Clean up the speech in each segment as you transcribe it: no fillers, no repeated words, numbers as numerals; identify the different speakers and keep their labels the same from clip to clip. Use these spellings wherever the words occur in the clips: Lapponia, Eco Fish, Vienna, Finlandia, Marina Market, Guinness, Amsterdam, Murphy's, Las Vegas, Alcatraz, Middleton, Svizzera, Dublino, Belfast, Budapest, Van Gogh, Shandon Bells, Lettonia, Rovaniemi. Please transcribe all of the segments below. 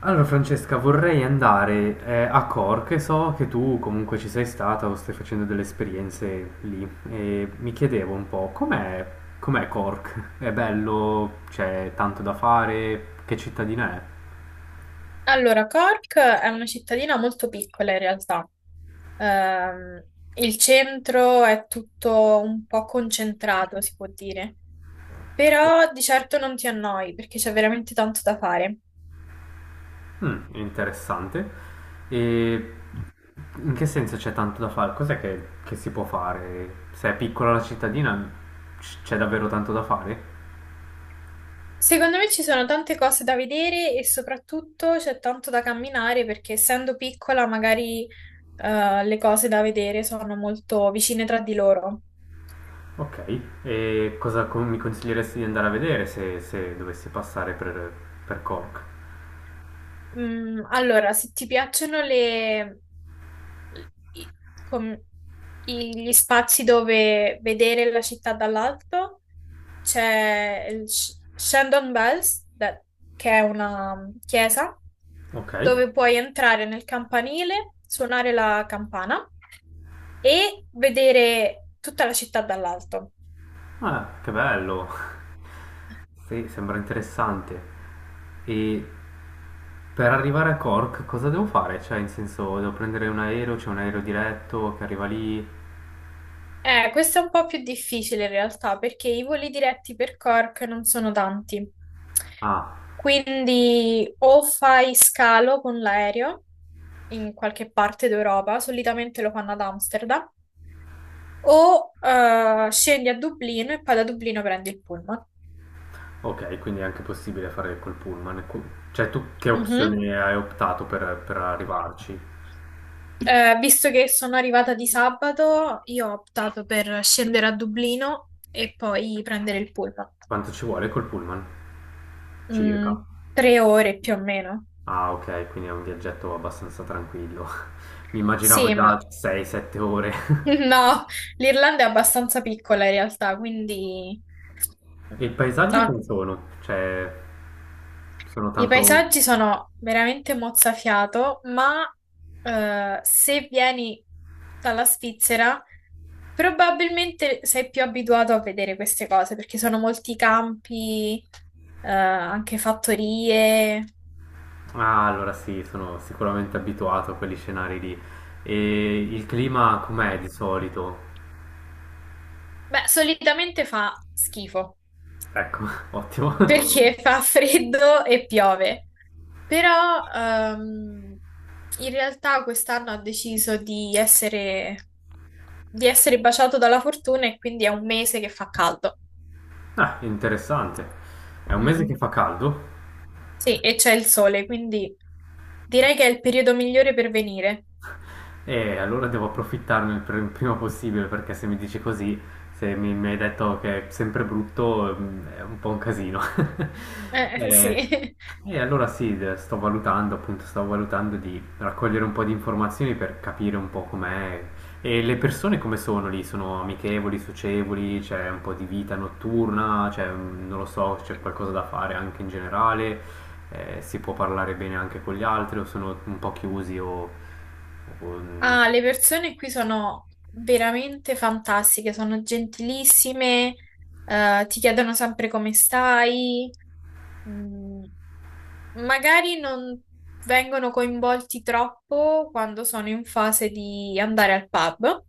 Speaker 1: Allora Francesca, vorrei andare a Cork. So che tu comunque ci sei stata o stai facendo delle esperienze lì e mi chiedevo un po' com'è, com'è Cork? È bello? C'è tanto da fare? Che cittadina è?
Speaker 2: Allora, Cork è una cittadina molto piccola in realtà. Ehm, il centro è tutto un po' concentrato, si può dire, però di certo non ti annoi perché c'è veramente tanto da fare.
Speaker 1: Mm, interessante. E in che senso c'è tanto da fare? Cos'è che si può fare? Se è piccola la cittadina c'è davvero tanto da fare?
Speaker 2: Secondo me ci sono tante cose da vedere e soprattutto c'è tanto da camminare perché essendo piccola magari le cose da vedere sono molto vicine tra di loro.
Speaker 1: Ok, e mi consiglieresti di andare a vedere se dovessi passare per Cork?
Speaker 2: Mm, allora, se ti piacciono le i- com- i- gli spazi dove vedere la città dall'alto, c'è il Shandon Bells, che è una chiesa,
Speaker 1: Ok,
Speaker 2: dove puoi entrare nel campanile, suonare la campana e vedere tutta la città dall'alto.
Speaker 1: ah, che bello, sì, sembra interessante. E per arrivare a Cork cosa devo fare? Cioè, in senso, devo prendere un aereo, c'è un aereo diretto che arriva lì?
Speaker 2: Questo è un po' più difficile in realtà perché i voli diretti per Cork non sono tanti.
Speaker 1: Ah,
Speaker 2: Quindi o fai scalo con l'aereo in qualche parte d'Europa, solitamente lo fanno ad Amsterdam, o scendi a Dublino e poi da Dublino prendi il pullman.
Speaker 1: ok, quindi è anche possibile fare col pullman. Cioè, tu che
Speaker 2: Mhm.
Speaker 1: opzione hai optato per arrivarci?
Speaker 2: Visto che sono arrivata di sabato, io ho optato per scendere a Dublino e poi prendere il pullman.
Speaker 1: Quanto ci vuole col pullman?
Speaker 2: Mm,
Speaker 1: Circa.
Speaker 2: tre ore più o meno.
Speaker 1: Ah, ok, quindi è un viaggetto abbastanza tranquillo. Mi immaginavo
Speaker 2: Sì,
Speaker 1: già
Speaker 2: ma
Speaker 1: 6-7 ore.
Speaker 2: no, l'Irlanda è abbastanza piccola in realtà, quindi
Speaker 1: E i paesaggi
Speaker 2: no,
Speaker 1: come sono? Cioè, sono
Speaker 2: i
Speaker 1: tanto...
Speaker 2: paesaggi sono veramente mozzafiato, ma se vieni dalla Svizzera, probabilmente sei più abituato a vedere queste cose, perché sono molti campi, anche fattorie.
Speaker 1: Ah, allora sì, sono sicuramente abituato a quegli scenari lì. E il clima com'è di solito?
Speaker 2: Beh, solitamente fa schifo,
Speaker 1: Ecco, ottimo.
Speaker 2: perché fa freddo e piove. Però in realtà quest'anno ha deciso di essere baciato dalla fortuna e quindi è un mese che fa caldo.
Speaker 1: Ah, interessante. È un mese che
Speaker 2: Mm,
Speaker 1: fa caldo?
Speaker 2: Sì, e c'è il sole, quindi direi che è il periodo migliore per venire.
Speaker 1: E allora devo approfittarne prima possibile perché se mi dici così, se mi, mi hai detto che è sempre brutto. Mm, è un po' un casino. E,
Speaker 2: Sì.
Speaker 1: e allora sì, sto valutando, appunto, sto valutando di raccogliere un po' di informazioni per capire un po' com'è. E le persone come sono lì? Sono amichevoli, socievoli? C'è un po' di vita notturna? C'è, mm, non lo so, c'è qualcosa da fare anche in generale? Si può parlare bene anche con gli altri o sono un po' chiusi o... Um,
Speaker 2: Ah, le persone qui sono veramente fantastiche, sono gentilissime, ti chiedono sempre come stai. Mm. Magari non vengono coinvolti troppo quando sono in fase di andare al pub,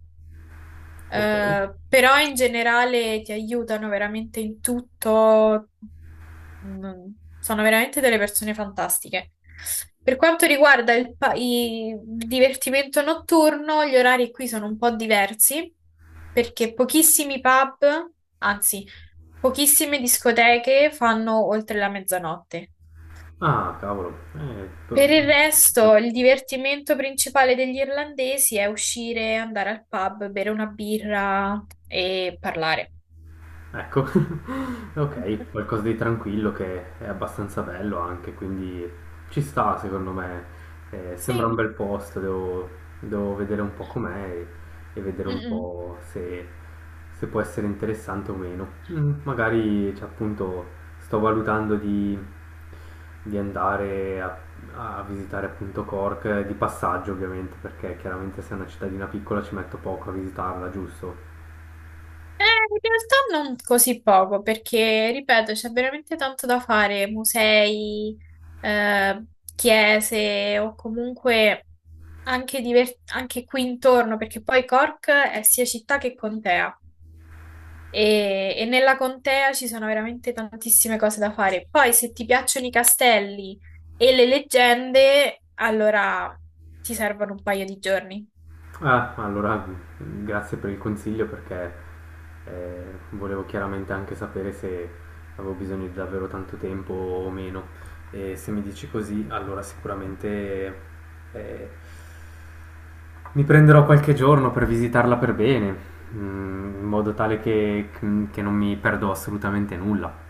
Speaker 1: ok.
Speaker 2: però in generale ti aiutano veramente in tutto. Sono veramente delle persone fantastiche. Per quanto riguarda il divertimento notturno, gli orari qui sono un po' diversi perché pochissimi pub, anzi, pochissime discoteche fanno oltre la mezzanotte.
Speaker 1: Ah, cavolo. Eh, to-
Speaker 2: Per il resto, il divertimento principale degli irlandesi è uscire, andare al pub, bere una birra e parlare.
Speaker 1: Ecco, ok, qualcosa di tranquillo che è abbastanza bello anche, quindi ci sta secondo me. Sembra un
Speaker 2: Sì.
Speaker 1: bel posto, devo vedere un po' com'è e vedere un
Speaker 2: Mm-mm.
Speaker 1: po' se, se può essere interessante o meno. Mm, magari, cioè, appunto, sto valutando di, di andare a visitare appunto Cork, di passaggio ovviamente, perché chiaramente se è una cittadina piccola ci metto poco a visitarla, giusto?
Speaker 2: In realtà non così poco, perché, ripeto, c'è veramente tanto da fare, musei, eh, chiese o comunque anche, anche qui intorno, perché poi Cork è sia città che contea. E nella contea ci sono veramente tantissime cose da fare. Poi, se ti piacciono i castelli e le leggende, allora ti servono un paio di giorni.
Speaker 1: Ah, allora grazie per il consiglio perché eh, volevo chiaramente anche sapere se avevo bisogno di davvero tanto tempo o meno. E se mi dici così, allora sicuramente eh, mi prenderò qualche giorno per visitarla per bene, mm, in modo tale che non mi perdo assolutamente nulla.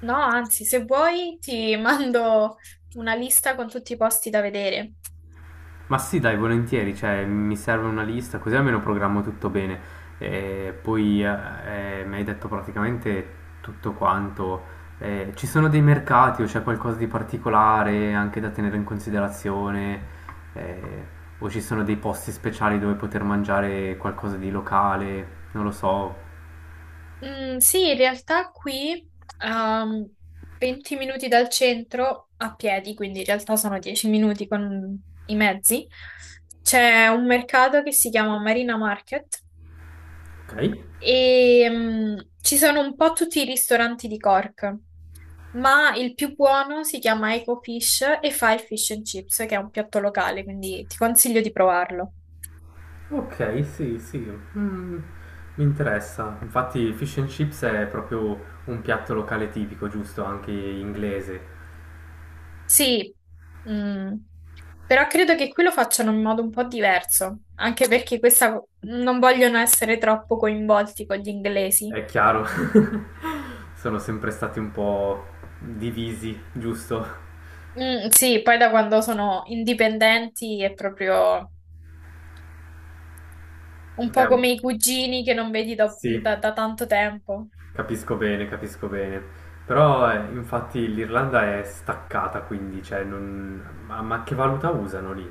Speaker 2: No, anzi, se vuoi, ti mando una lista con tutti i posti da vedere.
Speaker 1: Ma sì, dai, volentieri, cioè mi serve una lista, così almeno programmo tutto bene. E poi mi hai detto praticamente tutto quanto. Ci sono dei mercati o c'è qualcosa di particolare anche da tenere in considerazione? Eh, o ci sono dei posti speciali dove poter mangiare qualcosa di locale? Non lo so.
Speaker 2: Mm, sì, in realtà qui a 20 minuti dal centro a piedi, quindi in realtà sono 10 minuti con i mezzi. C'è un mercato che si chiama Marina Market.
Speaker 1: Ok,
Speaker 2: E ci sono un po' tutti i ristoranti di Cork, ma il più buono si chiama Eco Fish e fa il fish and chips, che è un piatto locale, quindi ti consiglio di provarlo.
Speaker 1: ok, sì, sì, mm, mi interessa. Infatti, fish and chips è proprio un piatto locale tipico, giusto? Anche inglese.
Speaker 2: Sì, mm, però credo che qui lo facciano in modo un po' diverso, anche perché questa, non vogliono essere troppo coinvolti con gli inglesi.
Speaker 1: È chiaro, sono sempre stati un po' divisi, giusto?
Speaker 2: Mm, sì, poi da quando sono indipendenti è proprio un
Speaker 1: È
Speaker 2: po'
Speaker 1: un-
Speaker 2: come i cugini che non vedi
Speaker 1: Sì,
Speaker 2: da tanto tempo.
Speaker 1: capisco bene, capisco bene. Però infatti l'Irlanda è staccata, quindi, cioè, non... ma che valuta usano lì?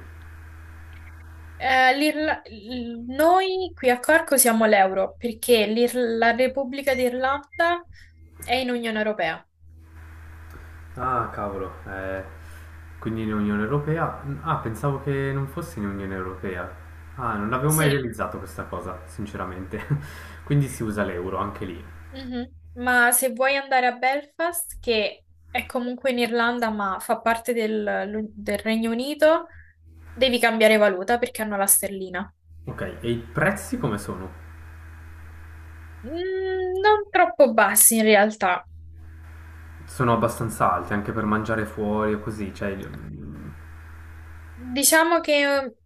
Speaker 2: Noi qui a Corco siamo all'euro perché la Repubblica d'Irlanda è in Unione Europea.
Speaker 1: Ah, cavolo, quindi in Unione Europea? Ah, pensavo che non fosse in Unione Europea. Ah, non avevo mai
Speaker 2: Sì,
Speaker 1: realizzato questa cosa, sinceramente. Quindi si usa l'euro anche lì.
Speaker 2: mhm. Ma se vuoi andare a Belfast, che è comunque in Irlanda ma fa parte del Regno Unito, devi cambiare valuta perché hanno la sterlina.
Speaker 1: Ok, e i prezzi come sono?
Speaker 2: Mm, non troppo bassi in realtà.
Speaker 1: Sono abbastanza alti anche per mangiare fuori o così, cioè...
Speaker 2: Diciamo che,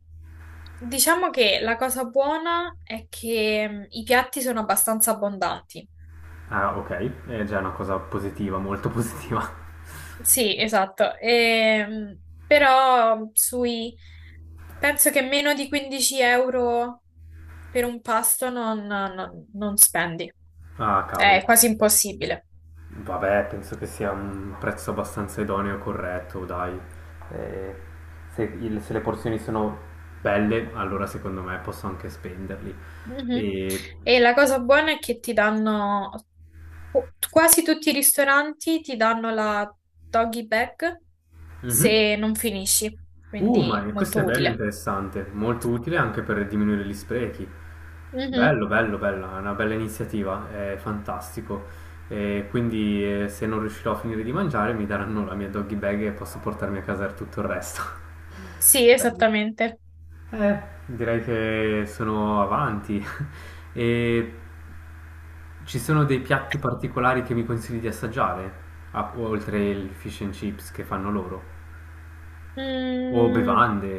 Speaker 2: diciamo che la cosa buona è che i piatti sono abbastanza abbondanti.
Speaker 1: Ah, ok, è già una cosa positiva, molto positiva.
Speaker 2: Sì, esatto. Però sui... penso che meno di 15 euro per un pasto non spendi.
Speaker 1: Ah, cavolo.
Speaker 2: È quasi impossibile.
Speaker 1: Vabbè, penso che sia un prezzo abbastanza idoneo e corretto, dai. Eh, se le porzioni sono belle, allora secondo me posso anche spenderli.
Speaker 2: Mhm.
Speaker 1: E...
Speaker 2: E la cosa buona è che ti danno, quasi tutti i ristoranti ti danno la doggy bag
Speaker 1: Mhm.
Speaker 2: se non finisci,
Speaker 1: Ma
Speaker 2: quindi
Speaker 1: questo
Speaker 2: molto
Speaker 1: è bello e
Speaker 2: utile.
Speaker 1: interessante, molto utile anche per diminuire gli sprechi.
Speaker 2: Mhm.
Speaker 1: Bello, bello, bella, è una bella iniziativa, è fantastico. E quindi se non riuscirò a finire di mangiare mi daranno la mia doggy bag e posso portarmi a casa tutto il resto.
Speaker 2: Sì,
Speaker 1: Bello.
Speaker 2: esattamente.
Speaker 1: Eh, Direi che sono avanti. E ci sono dei piatti particolari che mi consigli di assaggiare, oltre il fish and chips che fanno loro? O
Speaker 2: Mm,
Speaker 1: bevande?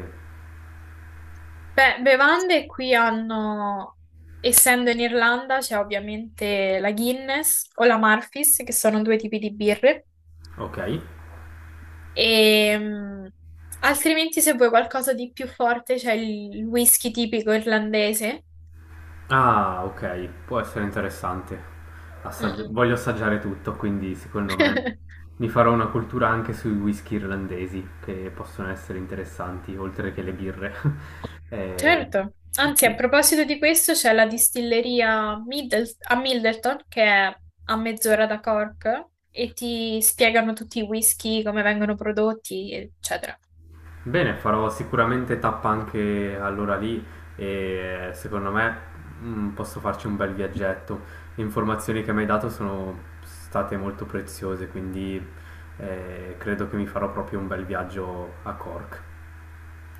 Speaker 2: Beh, bevande qui hanno, essendo in Irlanda, c'è ovviamente la Guinness o la Murphy's, che sono due tipi di birre,
Speaker 1: Ok.
Speaker 2: e, altrimenti se vuoi qualcosa di più forte c'è il whisky tipico irlandese.
Speaker 1: Ah, ok, può essere interessante.
Speaker 2: Mm-mm.
Speaker 1: Voglio assaggiare tutto, quindi secondo me mi farò una cultura anche sui whisky irlandesi, che possono essere interessanti, oltre che le birre. Eh,
Speaker 2: Certo. Anzi, a
Speaker 1: sì.
Speaker 2: proposito di questo, c'è la distilleria a Middleton, che è a mezz'ora da Cork, e ti spiegano tutti i whisky, come vengono prodotti, eccetera.
Speaker 1: Bene, farò sicuramente tappa anche allora lì e secondo me mm, posso farci un bel viaggetto. Le informazioni che mi hai dato sono state molto preziose, quindi credo che mi farò proprio un bel viaggio a Cork.